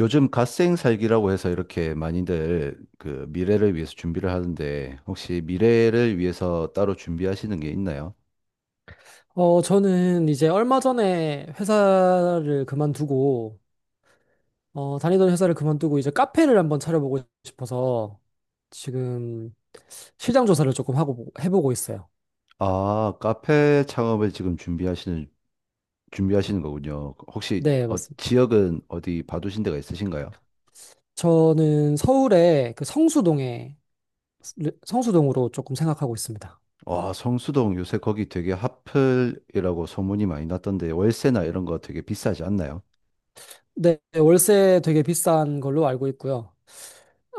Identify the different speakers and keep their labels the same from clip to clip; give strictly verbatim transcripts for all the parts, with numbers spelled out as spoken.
Speaker 1: 요즘 갓생 살기라고 해서 이렇게 많이들 그 미래를 위해서 준비를 하는데 혹시 미래를 위해서 따로 준비하시는 게 있나요?
Speaker 2: 어, 저는 이제 얼마 전에 회사를 그만두고, 어, 다니던 회사를 그만두고 이제 카페를 한번 차려보고 싶어서 지금 시장 조사를 조금 하고, 보- 해보고 있어요.
Speaker 1: 아, 카페 창업을 지금 준비하시는 준비하시는 거군요. 혹시
Speaker 2: 네,
Speaker 1: 어,
Speaker 2: 맞습니다.
Speaker 1: 지역은 어디 봐두신 데가 있으신가요?
Speaker 2: 저는 서울의 그 성수동에, 성수동으로 조금 생각하고 있습니다.
Speaker 1: 와, 성수동 요새 거기 되게 핫플이라고 소문이 많이 났던데 월세나 이런 거 되게 비싸지 않나요?
Speaker 2: 네, 월세 되게 비싼 걸로 알고 있고요.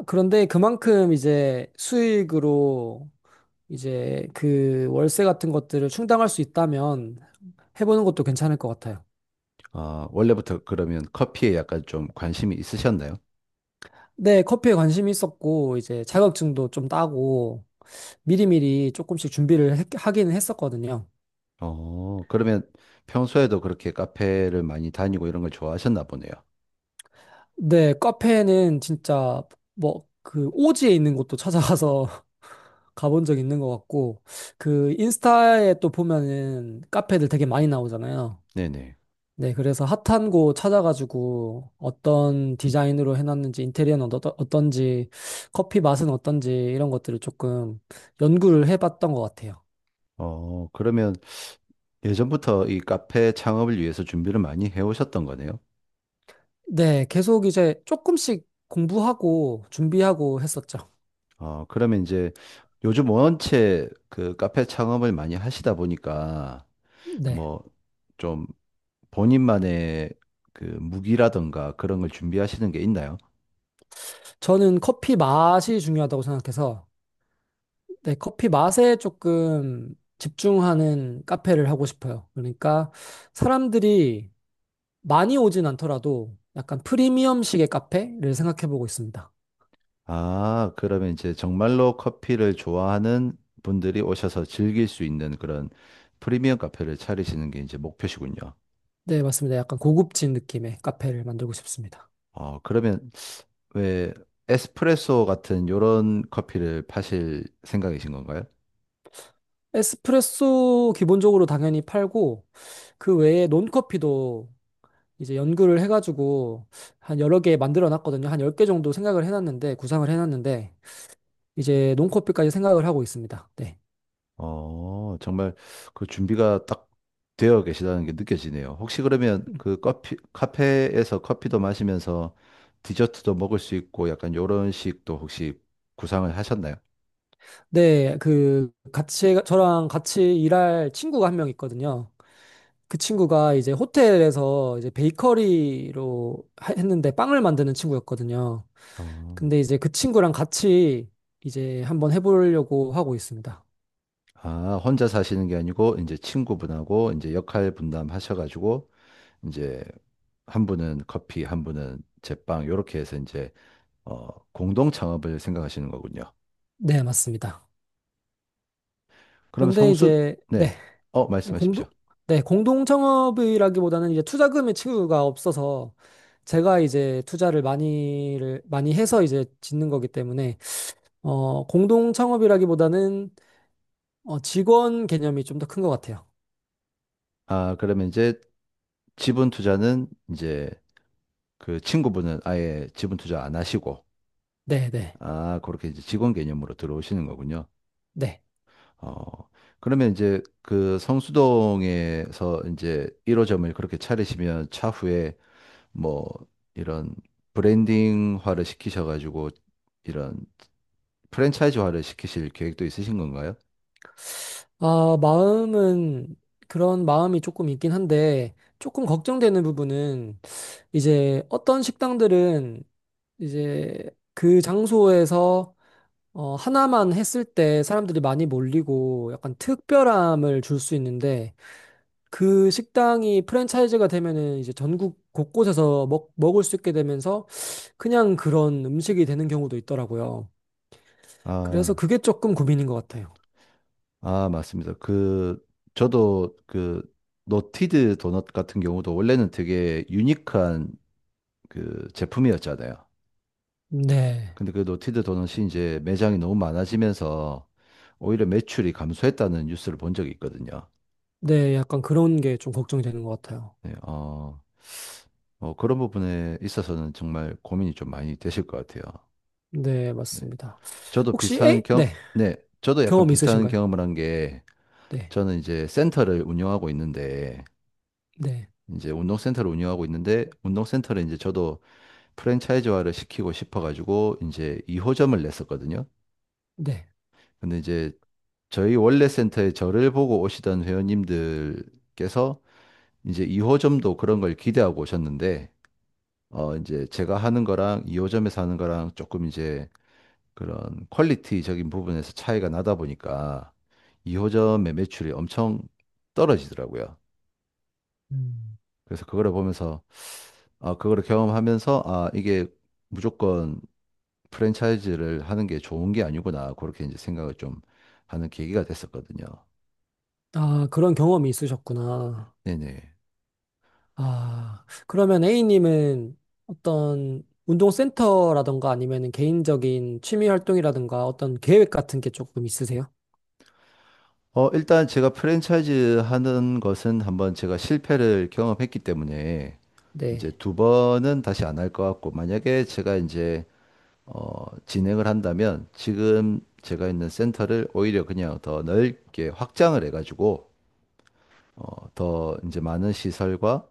Speaker 2: 그런데 그만큼 이제 수익으로 이제 그 월세 같은 것들을 충당할 수 있다면 해보는 것도 괜찮을 것 같아요.
Speaker 1: 아, 원래부터 그러면 커피에 약간 좀 관심이 있으셨나요?
Speaker 2: 네, 커피에 관심이 있었고, 이제 자격증도 좀 따고, 미리미리 조금씩 준비를 했- 하기는 했었거든요.
Speaker 1: 어, 그러면 평소에도 그렇게 카페를 많이 다니고 이런 걸 좋아하셨나 보네요.
Speaker 2: 네, 카페는 진짜 뭐, 그 오지에 있는 곳도 찾아가서 가본 적 있는 것 같고, 그 인스타에 또 보면은 카페들 되게 많이 나오잖아요.
Speaker 1: 네네.
Speaker 2: 네, 그래서 핫한 곳 찾아가지고 어떤 디자인으로 해놨는지, 인테리어는 어떠, 어떤지, 커피 맛은 어떤지, 이런 것들을 조금 연구를 해봤던 것 같아요.
Speaker 1: 어, 그러면 예전부터 이 카페 창업을 위해서 준비를 많이 해오셨던 거네요.
Speaker 2: 네, 계속 이제 조금씩 공부하고 준비하고 했었죠.
Speaker 1: 어, 그러면 이제 요즘 원체 그 카페 창업을 많이 하시다 보니까
Speaker 2: 네.
Speaker 1: 뭐 좀 본인만의 그 무기라든가 그런 걸 준비하시는 게 있나요?
Speaker 2: 저는 커피 맛이 중요하다고 생각해서, 네, 커피 맛에 조금 집중하는 카페를 하고 싶어요. 그러니까 사람들이 많이 오진 않더라도 약간 프리미엄식의 카페를 생각해 보고 있습니다.
Speaker 1: 아, 그러면 이제 정말로 커피를 좋아하는 분들이 오셔서 즐길 수 있는 그런 프리미엄 카페를 차리시는 게 이제 목표시군요.
Speaker 2: 네, 맞습니다. 약간 고급진 느낌의 카페를 만들고 싶습니다.
Speaker 1: 어, 그러면 왜 에스프레소 같은 요런 커피를 파실 생각이신 건가요?
Speaker 2: 에스프레소 기본적으로 당연히 팔고, 그 외에 논커피도 이제 연구를 해가지고 한 여러 개 만들어 놨거든요. 한 열 개 정도 생각을 해놨는데, 구상을 해놨는데, 이제 논커피까지 생각을 하고 있습니다. 네.
Speaker 1: 어, 정말 그 준비가 딱 되어 계시다는 게 느껴지네요. 혹시 그러면 그 커피, 카페에서 커피도 마시면서 디저트도 먹을 수 있고 약간 요런 식도 혹시 구상을 하셨나요?
Speaker 2: 네, 그 같이 저랑 같이 일할 친구가 한 명 있거든요. 그 친구가 이제 호텔에서 이제 베이커리로 하- 했는데 빵을 만드는 친구였거든요.
Speaker 1: 어.
Speaker 2: 근데 이제 그 친구랑 같이 이제 한번 해보려고 하고 있습니다.
Speaker 1: 아, 혼자 사시는 게 아니고 이제 친구분하고 이제 역할 분담하셔 가지고 이제 한 분은 커피, 한 분은 제빵 요렇게 해서 이제 어, 공동 창업을 생각하시는 거군요.
Speaker 2: 네, 맞습니다.
Speaker 1: 그럼
Speaker 2: 그런데
Speaker 1: 성수
Speaker 2: 이제 네.
Speaker 1: 네. 어, 말씀하십시오.
Speaker 2: 공동, 네, 공동 창업이라기보다는 이제 투자금의 친구가 없어서 제가 이제 투자를 많이를 많이 해서 이제 짓는 거기 때문에 어, 공동 창업이라기보다는 어, 직원 개념이 좀 더 큰 것 같아요.
Speaker 1: 아, 그러면 이제 지분 투자는 이제 그 친구분은 아예 지분 투자 안 하시고
Speaker 2: 네, 네,
Speaker 1: 아, 그렇게 이제 직원 개념으로 들어오시는 거군요.
Speaker 2: 네.
Speaker 1: 어. 그러면 이제 그 성수동에서 이제 일 호점을 그렇게 차리시면 차후에 뭐 이런 브랜딩화를 시키셔가지고 이런 프랜차이즈화를 시키실 계획도 있으신 건가요?
Speaker 2: 아, 마음은 그런 마음이 조금 있긴 한데 조금 걱정되는 부분은 이제 어떤 식당들은 이제 그 장소에서 어, 하나만 했을 때 사람들이 많이 몰리고 약간 특별함을 줄 수 있는데 그 식당이 프랜차이즈가 되면은 이제 전국 곳곳에서 먹, 먹을 수 있게 되면서 그냥 그런 음식이 되는 경우도 있더라고요. 그래서
Speaker 1: 아,
Speaker 2: 그게 조금 고민인 것 같아요.
Speaker 1: 아, 맞습니다. 그 저도 그 노티드 도넛 같은 경우도 원래는 되게 유니크한 그 제품이었잖아요.
Speaker 2: 네.
Speaker 1: 근데 그 노티드 도넛이 이제 매장이 너무 많아지면서 오히려 매출이 감소했다는 뉴스를 본 적이 있거든요.
Speaker 2: 네, 약간 그런 게 좀 걱정이 되는 것 같아요.
Speaker 1: 네, 어, 뭐 그런 부분에 있어서는 정말 고민이 좀 많이 되실 것 같아요.
Speaker 2: 네,
Speaker 1: 네.
Speaker 2: 맞습니다.
Speaker 1: 저도
Speaker 2: 혹시,
Speaker 1: 비슷한
Speaker 2: 에?
Speaker 1: 경,
Speaker 2: 네.
Speaker 1: 네, 저도 약간
Speaker 2: 경험
Speaker 1: 비슷한
Speaker 2: 있으신가요?
Speaker 1: 경험을 한 게,
Speaker 2: 네.
Speaker 1: 저는 이제 센터를 운영하고 있는데,
Speaker 2: 네.
Speaker 1: 이제 운동센터를 운영하고 있는데, 운동센터를 이제 저도 프랜차이즈화를 시키고 싶어가지고, 이제 이 호점을 냈었거든요.
Speaker 2: 네.
Speaker 1: 근데 이제 저희 원래 센터에 저를 보고 오시던 회원님들께서 이제 이 호점도 그런 걸 기대하고 오셨는데, 어, 이제 제가 하는 거랑 이 호점에서 하는 거랑 조금 이제 그런 퀄리티적인 부분에서 차이가 나다 보니까 이 호점의 매출이 엄청 떨어지더라고요.
Speaker 2: 음.
Speaker 1: 그래서 그거를 보면서 아, 그거를 경험하면서 아, 이게 무조건 프랜차이즈를 하는 게 좋은 게 아니구나. 그렇게 이제 생각을 좀 하는 계기가 됐었거든요.
Speaker 2: 아, 그런 경험이 있으셨구나.
Speaker 1: 네네.
Speaker 2: 아, 그러면 A님은 어떤 운동센터라던가 아니면 개인적인 취미 활동이라던가 어떤 계획 같은 게 조금 있으세요?
Speaker 1: 어, 일단 제가 프랜차이즈 하는 것은 한번 제가 실패를 경험했기 때문에 이제
Speaker 2: 네.
Speaker 1: 두 번은 다시 안 할 것 같고, 만약에 제가 이제 어, 진행을 한다면 지금 제가 있는 센터를 오히려 그냥 더 넓게 확장을 해가지고 어, 더 이제 많은 시설과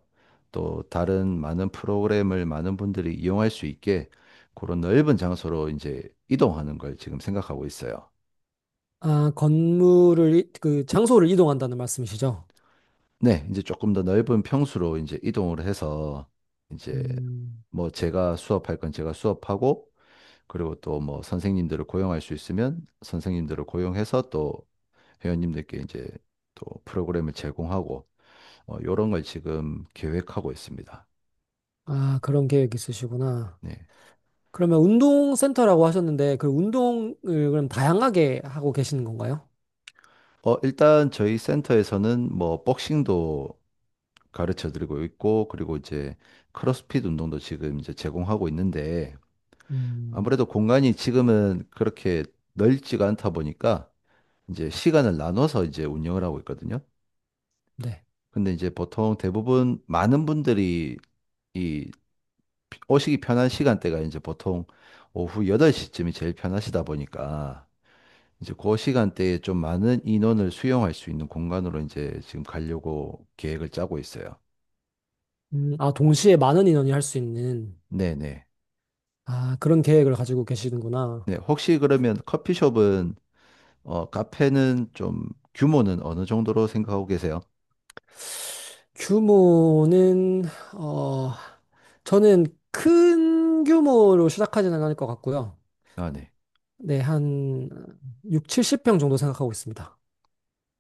Speaker 1: 또 다른 많은 프로그램을 많은 분들이 이용할 수 있게 그런 넓은 장소로 이제 이동하는 걸 지금 생각하고 있어요.
Speaker 2: 아, 건물을, 이- 그 장소를 이동한다는 말씀이시죠?
Speaker 1: 네, 이제 조금 더 넓은 평수로 이제 이동을 해서 이제
Speaker 2: 음,
Speaker 1: 뭐 제가 수업할 건 제가 수업하고 그리고 또 뭐 선생님들을 고용할 수 있으면 선생님들을 고용해서 또 회원님들께 이제 또 프로그램을 제공하고 어, 런걸 지금 계획하고 있습니다.
Speaker 2: 아, 그런 계획 있으시구나.
Speaker 1: 네.
Speaker 2: 그러면 운동센터라고 하셨는데 그 운동을 그럼 다양하게 하고 계시는 건가요?
Speaker 1: 어, 일단 저희 센터에서는 뭐 복싱도 가르쳐 드리고 있고 그리고 이제 크로스핏 운동도 지금 이제 제공하고 있는데
Speaker 2: 음,
Speaker 1: 아무래도 공간이 지금은 그렇게 넓지가 않다 보니까 이제 시간을 나눠서 이제 운영을 하고 있거든요.
Speaker 2: 네.
Speaker 1: 근데 이제 보통 대부분 많은 분들이 이 피- 오시기 편한 시간대가 이제 보통 오후 여덟 시쯤이 제일 편하시다 보니까 이제 그 시간대에 좀 많은 인원을 수용할 수 있는 공간으로 이제 지금 가려고 계획을 짜고 있어요.
Speaker 2: 음, 아, 동시에 많은 인원이 할 수 있는,
Speaker 1: 네네.
Speaker 2: 아, 그런 계획을 가지고 계시는구나.
Speaker 1: 네, 혹시 그러면 커피숍은, 어, 카페는 좀 규모는 어느 정도로 생각하고 계세요?
Speaker 2: 규모는 어 저는 큰 규모로 시작하지는 않을 것 같고요.
Speaker 1: 아, 네.
Speaker 2: 네, 한 육, 칠십 평 정도 생각하고 있습니다.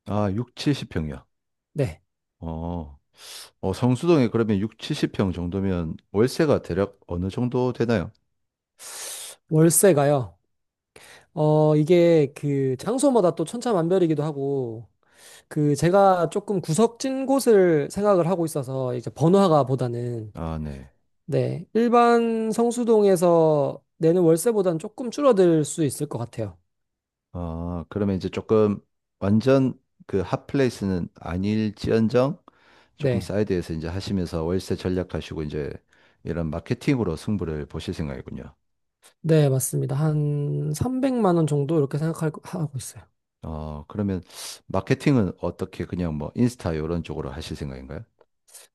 Speaker 1: 아, 육, 칠십 평이요.
Speaker 2: 네.
Speaker 1: 어, 어, 성수동에 그러면 육, 칠십 평 정도면 월세가 대략 어느 정도 되나요?
Speaker 2: 월세가요. 어 이게 그 장소마다 또 천차만별이기도 하고 그 제가 조금 구석진 곳을 생각을 하고 있어서 이제 번화가보다는
Speaker 1: 아, 네.
Speaker 2: 네, 일반 성수동에서 내는 월세보다는 조금 줄어들 수 있을 것 같아요.
Speaker 1: 아, 그러면 이제 조금 완전 그 핫플레이스는 아닐지언정 조금
Speaker 2: 네.
Speaker 1: 사이드에서 이제 하시면서 월세 전략하시고 이제 이런 마케팅으로 승부를 보실 생각이군요.
Speaker 2: 네, 맞습니다. 한 삼백만 원 정도 이렇게 생각하고 하고 있어요.
Speaker 1: 어, 그러면 마케팅은 어떻게 그냥 뭐 인스타 이런 쪽으로 하실 생각인가요?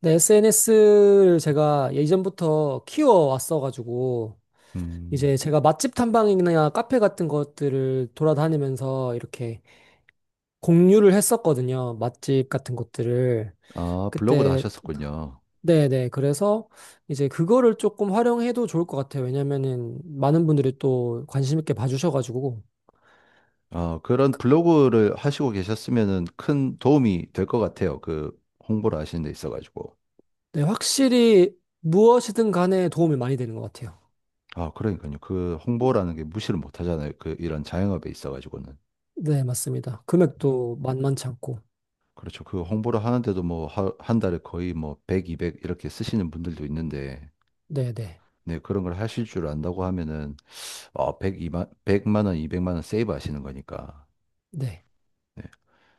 Speaker 2: 네, 에스엔에스 제가 예전부터 키워왔어가지고,
Speaker 1: 음,
Speaker 2: 이제 제가 맛집 탐방이나 카페 같은 것들을 돌아다니면서 이렇게 공유를 했었거든요. 맛집 같은 것들을.
Speaker 1: 아, 블로그도
Speaker 2: 그때,
Speaker 1: 하셨었군요.
Speaker 2: 네네. 그래서 이제 그거를 조금 활용해도 좋을 것 같아요. 왜냐면은 많은 분들이 또 관심 있게 봐주셔가지고,
Speaker 1: 어, 그런 블로그를 하시고 계셨으면은 큰 도움이 될 것 같아요. 그 홍보를 하시는 데 있어가지고.
Speaker 2: 네, 확실히 무엇이든 간에 도움이 많이 되는 것 같아요.
Speaker 1: 아, 그러니까요. 그 홍보라는 게 무시를 못 하잖아요. 그 이런 자영업에 있어가지고는.
Speaker 2: 네, 맞습니다. 금액도 만만치 않고.
Speaker 1: 그렇죠. 그 홍보를 하는데도 뭐 한 달에 거의 뭐 백, 이백 이렇게 쓰시는 분들도 있는데,
Speaker 2: 네, 네,
Speaker 1: 네, 그런 걸 하실 줄 안다고 하면은, 어, 백, 만백만 원, 이백만 원 세이브 하시는 거니까.
Speaker 2: 네.
Speaker 1: 네.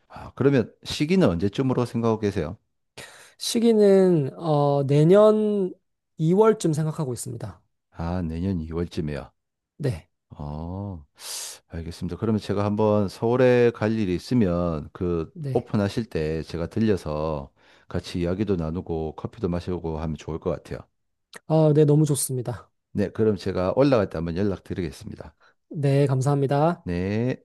Speaker 1: 아, 그러면 시기는 언제쯤으로 생각하고 계세요?
Speaker 2: 시기는 어, 내년 이월쯤 생각하고 있습니다.
Speaker 1: 아, 내년 이 월쯤이요.
Speaker 2: 네,
Speaker 1: 어, 알겠습니다. 그러면 제가 한번 서울에 갈 일이 있으면 그
Speaker 2: 네.
Speaker 1: 오픈하실 때 제가 들려서 같이 이야기도 나누고 커피도 마시고 하면 좋을 것 같아요.
Speaker 2: 아, 네, 너무 좋습니다.
Speaker 1: 네, 그럼 제가 올라갈 때 한번 연락드리겠습니다.
Speaker 2: 네, 감사합니다.
Speaker 1: 네.